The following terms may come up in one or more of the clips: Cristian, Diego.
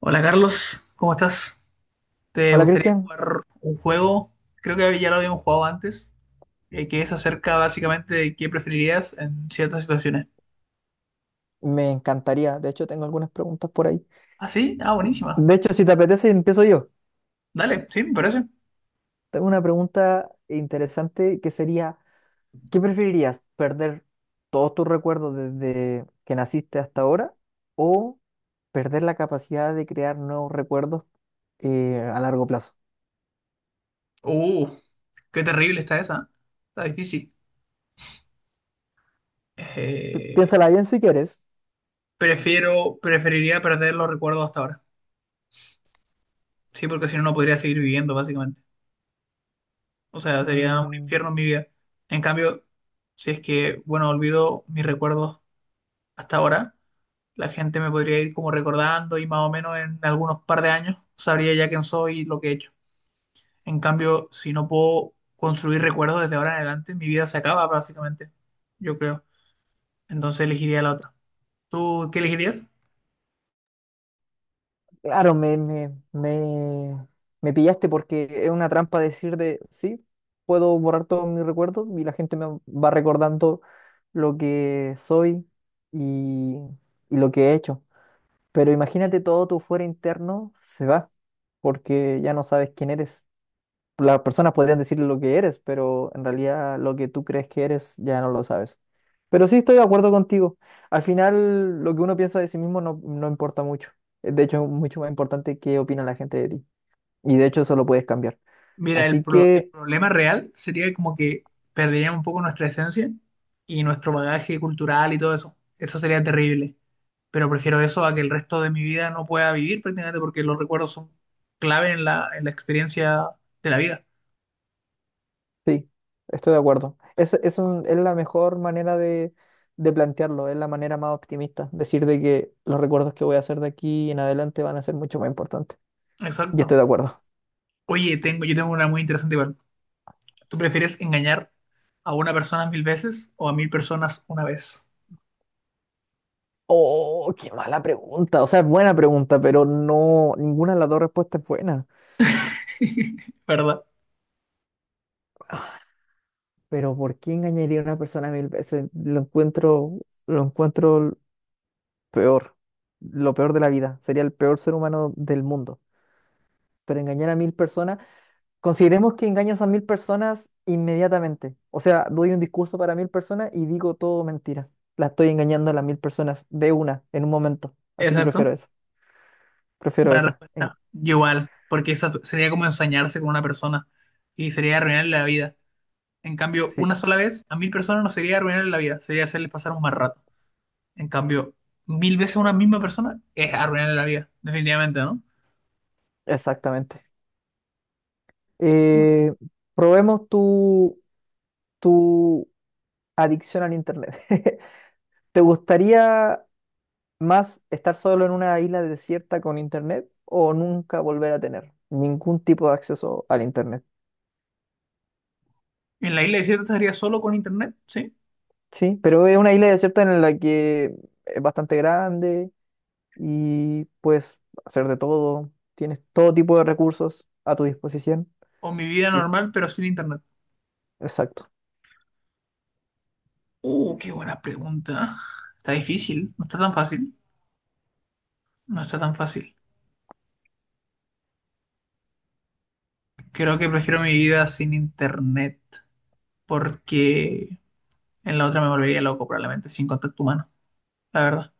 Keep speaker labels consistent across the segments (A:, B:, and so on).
A: Hola, Carlos, ¿cómo estás? ¿Te
B: Hola
A: gustaría
B: Cristian,
A: jugar un juego? Creo que ya lo habíamos jugado antes, que es acerca básicamente de qué preferirías en ciertas situaciones.
B: me encantaría. De hecho, tengo algunas preguntas por ahí.
A: ¿Ah, sí? Ah, buenísima.
B: De hecho, si te apetece, empiezo yo.
A: Dale, sí, me parece.
B: Tengo una pregunta interesante que sería, ¿qué preferirías? ¿Perder todos tus recuerdos desde que naciste hasta ahora o perder la capacidad de crear nuevos recuerdos a largo plazo?
A: Uh, qué terrible está esa. Está difícil. Eh,
B: Piénsala bien si quieres.
A: Preferiría perder los recuerdos hasta ahora. Sí, porque si no, no podría seguir viviendo, básicamente. O sea, sería un
B: Mm.
A: infierno en mi vida. En cambio, si es que, bueno, olvido mis recuerdos hasta ahora. La gente me podría ir como recordando y más o menos en algunos par de años sabría ya quién soy y lo que he hecho. En cambio, si no puedo construir recuerdos desde ahora en adelante, mi vida se acaba básicamente, yo creo. Entonces elegiría la otra. ¿Tú qué elegirías?
B: Claro, me pillaste porque es una trampa decir de, sí, puedo borrar todos mis recuerdos y la gente me va recordando lo que soy y, y lo que he hecho. Pero imagínate todo tu fuera interno se va porque ya no sabes quién eres, las personas podrían decir lo que eres, pero en realidad lo que tú crees que eres ya no lo sabes. Pero sí estoy de acuerdo contigo. Al final, lo que uno piensa de sí mismo no importa mucho. De hecho, es mucho más importante qué opina la gente de ti. Y de hecho, eso lo puedes cambiar.
A: Mira,
B: Así
A: el
B: que
A: problema real sería como que perderíamos un poco nuestra esencia y nuestro bagaje cultural y todo eso. Eso sería terrible. Pero prefiero eso a que el resto de mi vida no pueda vivir prácticamente porque los recuerdos son clave en la experiencia de la vida.
B: sí, estoy de acuerdo. Es la mejor manera de plantearlo, es la manera más optimista. Decir de que los recuerdos que voy a hacer de aquí en adelante van a ser mucho más importantes. Y
A: Exacto.
B: estoy de acuerdo.
A: Oye, yo tengo una muy interesante igual. ¿Tú prefieres engañar a una persona 1000 veces o a 1000 personas una vez?
B: Oh, qué mala pregunta. O sea, es buena pregunta, pero no, ninguna de las dos respuestas es buena.
A: ¿Verdad?
B: Pero ¿por qué engañaría a una persona mil veces? Lo encuentro peor, lo peor de la vida. Sería el peor ser humano del mundo. Pero engañar a mil personas, consideremos que engañas a mil personas inmediatamente. O sea, doy un discurso para mil personas y digo todo mentira. La estoy engañando a las mil personas de una, en un momento. Así que prefiero
A: Exacto.
B: eso. Prefiero
A: Buena
B: esa.
A: respuesta. Yo igual, porque esa sería como ensañarse con una persona y sería arruinarle la vida. En cambio,
B: Sí,
A: una sola vez a 1000 personas no sería arruinarle la vida, sería hacerles pasar un mal rato. En cambio, 1000 veces a una misma persona es arruinarle la vida, definitivamente, ¿no?
B: exactamente. Eh, probemos tu adicción al internet. ¿Te gustaría más estar solo en una isla desierta con internet o nunca volver a tener ningún tipo de acceso al internet?
A: En la isla desierta estaría solo con internet, ¿sí?
B: Sí, pero es una isla desierta en la que es bastante grande y puedes hacer de todo, tienes todo tipo de recursos a tu disposición.
A: O mi vida
B: Y-
A: normal, pero sin internet.
B: exacto.
A: Qué buena pregunta. Está difícil, no está tan fácil, no está tan fácil. Creo que prefiero mi vida sin internet porque en la otra me volvería loco probablemente sin contacto humano, la verdad.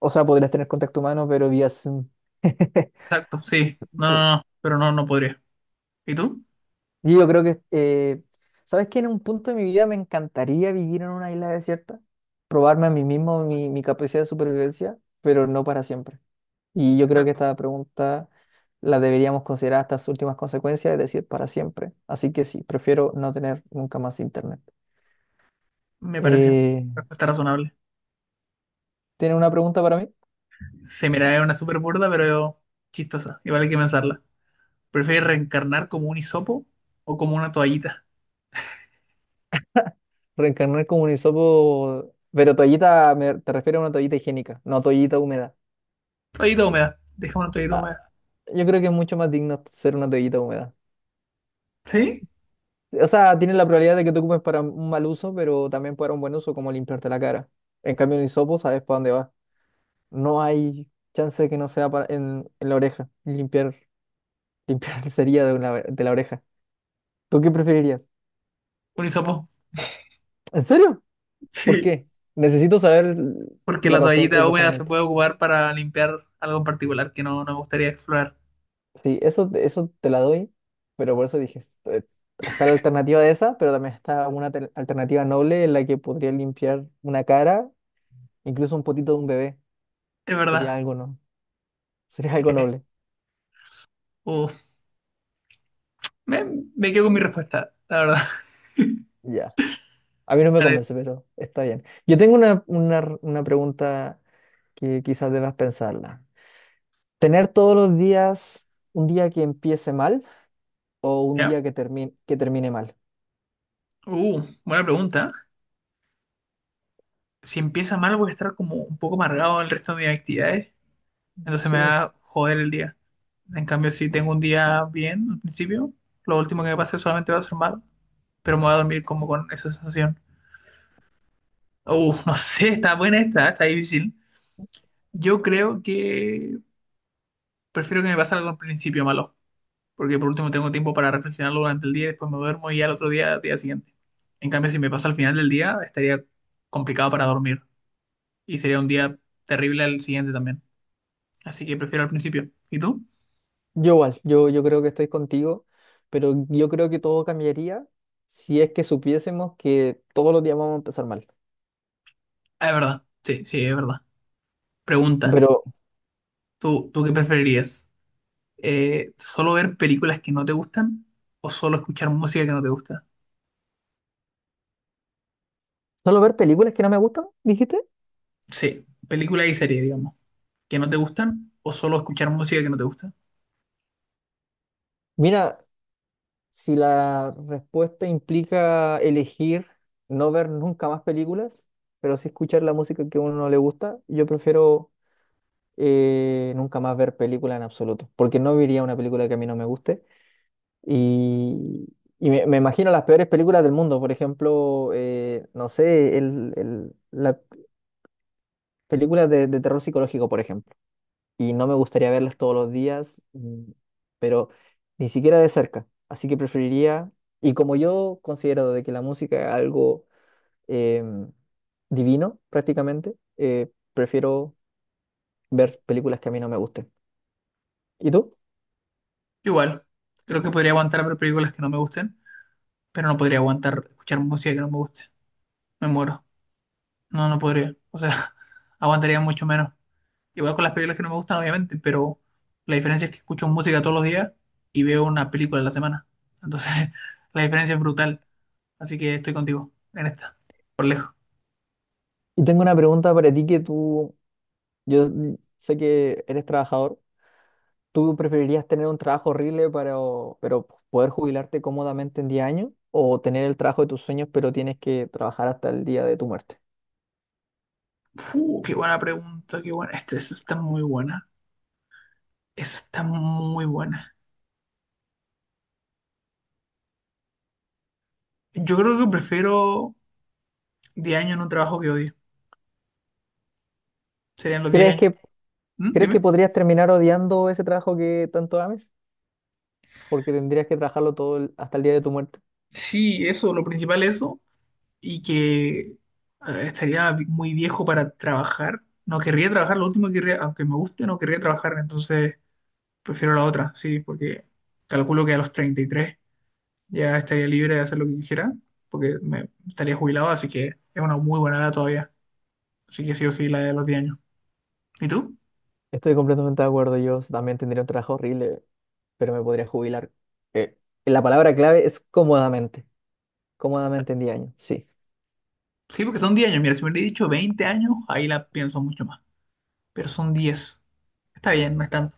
B: O sea, podrías tener contacto humano, pero vía Zoom.
A: Exacto, sí. No, no, no, pero no, no podría. ¿Y tú?
B: Y yo creo que, ¿sabes qué? En un punto de mi vida me encantaría vivir en una isla desierta, probarme a mí mismo mi capacidad de supervivencia, pero no para siempre. Y yo creo que
A: Exacto,
B: esta pregunta la deberíamos considerar hasta sus últimas consecuencias, es decir, para siempre. Así que sí, prefiero no tener nunca más internet.
A: me parece.
B: Eh,
A: Respuesta razonable.
B: ¿Tienes una pregunta para mí?
A: Se miraría una súper burda, pero chistosa. Igual hay que pensarla. ¿Prefieres reencarnar como un hisopo o como una toallita?
B: Reencarnar como un hisopo, pero toallita, te refiero a una toallita higiénica, no toallita húmeda.
A: Toallita húmeda. Deja una toallita
B: Ah,
A: húmeda.
B: yo creo que es mucho más digno ser una toallita húmeda.
A: ¿Sí?
B: O sea, tiene la probabilidad de que tú ocupes para un mal uso, pero también para un buen uso, como limpiarte la cara. En cambio, un hisopo sabes para dónde va. No hay chance de que no sea en la oreja. Limpiar sería de, de la oreja. ¿Tú qué preferirías?
A: Un hisopo.
B: ¿En serio? ¿Por
A: Sí.
B: qué? Necesito saber
A: Porque
B: la
A: la
B: razón, el
A: toallita húmeda se
B: razonamiento.
A: puede ocupar para limpiar algo en particular que no me gustaría explorar.
B: Sí, eso te la doy, pero por eso dije, está la alternativa de esa, pero también está una alternativa noble en la que podría limpiar una cara, incluso un potito de un bebé.
A: Es verdad.
B: Sería algo, ¿no? Sería algo noble.
A: Uh, me, me quedo con mi
B: Mm.
A: respuesta, la verdad.
B: Ya, a mí no me
A: Vale,
B: convence, pero está bien. Yo tengo una pregunta que quizás debas pensarla. ¿Tener todos los días un día que empiece mal o un
A: ya.
B: día que termine mal?
A: Buena pregunta. Si empieza mal, voy a estar como un poco amargado el resto de mis actividades. Entonces me
B: Sí,
A: va a joder el día. En cambio, si tengo un día bien al principio, lo último que me pase solamente va a ser malo. Pero me voy a dormir como con esa sensación. No sé, está buena esta, ¿eh? Está difícil. Yo creo que prefiero que me pase algo al principio malo, porque por último tengo tiempo para reflexionarlo durante el día y después me duermo y al otro día siguiente. En cambio, si me pasa al final del día, estaría complicado para dormir y sería un día terrible al siguiente también. Así que prefiero al principio. ¿Y tú?
B: yo igual, yo creo que estoy contigo, pero yo creo que todo cambiaría si es que supiésemos que todos los días vamos a empezar mal.
A: Ah, es verdad. Sí, sí, es verdad. Pregunta,
B: Pero,
A: tú qué preferirías. ¿Solo ver películas que no te gustan o solo escuchar música que no te gusta?
B: ¿solo ver películas que no me gustan, dijiste?
A: Sí, películas y series, digamos, que no te gustan o solo escuchar música que no te gusta.
B: Mira, si la respuesta implica elegir no ver nunca más películas, pero sí escuchar la música que a uno no le gusta, yo prefiero nunca más ver películas en absoluto, porque no vería una película que a mí no me guste. Y, y me imagino las peores películas del mundo, por ejemplo, no sé, la película de terror psicológico, por ejemplo, y no me gustaría verlas todos los días, pero ni siquiera de cerca. Así que preferiría, y como yo considero de que la música es algo em, divino prácticamente, prefiero ver películas que a mí no me gusten. ¿Y tú?
A: Igual, creo que podría aguantar ver películas que no me gusten, pero no podría aguantar escuchar música que no me guste. Me muero. No podría. O sea, aguantaría mucho menos. Igual con las películas que no me gustan, obviamente, pero la diferencia es que escucho música todos los días y veo una película a la semana. Entonces, la diferencia es brutal. Así que estoy contigo en esta, por lejos.
B: Y tengo una pregunta para ti que tú, yo sé que eres trabajador. ¿Tú preferirías tener un trabajo horrible pero poder jubilarte cómodamente en 10 años? ¿O tener el trabajo de tus sueños pero tienes que trabajar hasta el día de tu muerte?
A: Fu, qué buena pregunta, qué buena. Esta está muy buena. Esta está muy buena. Yo creo que prefiero 10 años en un trabajo que odio. Serían los 10
B: ¿Crees
A: años.
B: que
A: ¿Mm?
B: ¿Crees
A: Dime.
B: que podrías terminar odiando ese trabajo que tanto ames? Porque tendrías que trabajarlo hasta el día de tu muerte.
A: Sí, eso, lo principal es eso, y que muy viejo para trabajar. No querría trabajar, lo último que querría, aunque me guste, no querría trabajar, entonces prefiero la otra, sí, porque calculo que a los 33 ya estaría libre de hacer lo que quisiera, porque me estaría jubilado, así que es una muy buena edad todavía. Así que sí o sí, la de los 10 años. ¿Y tú?
B: Estoy completamente de acuerdo. Yo también tendría un trabajo horrible, pero me podría jubilar. Eh, la palabra clave es cómodamente. Cómodamente en 10 años. Sí.
A: Sí, porque son 10 años. Mira, si me hubiera dicho 20 años, ahí la pienso mucho más. Pero son diez. Está bien, no es tanto,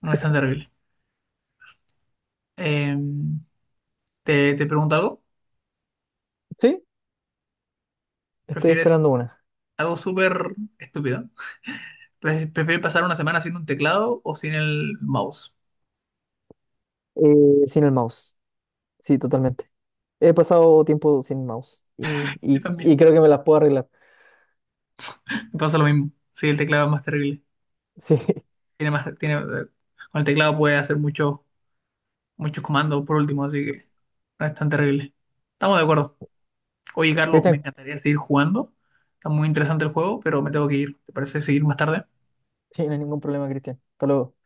A: no es tan terrible. Em, ¿te pregunto algo?
B: Sí, estoy
A: ¿Prefieres
B: esperando una.
A: algo súper estúpido? Pues, prefiero pasar una semana sin un teclado o sin el mouse.
B: Sin el mouse. Sí, totalmente. He pasado tiempo sin mouse. Y,
A: Yo
B: y,
A: también.
B: y creo que me las puedo arreglar.
A: Me pasa lo mismo. Sí, el teclado es más terrible.
B: Sí.
A: Tiene, con el teclado puedes hacer muchos comandos por último, así que no es tan terrible. Estamos de acuerdo. Oye, Carlos, me
B: Cristian,
A: encantaría seguir jugando. Está muy interesante el juego, pero me tengo que ir. ¿Te parece seguir más tarde?
B: sí, no hay ningún problema, Cristian. Hasta luego.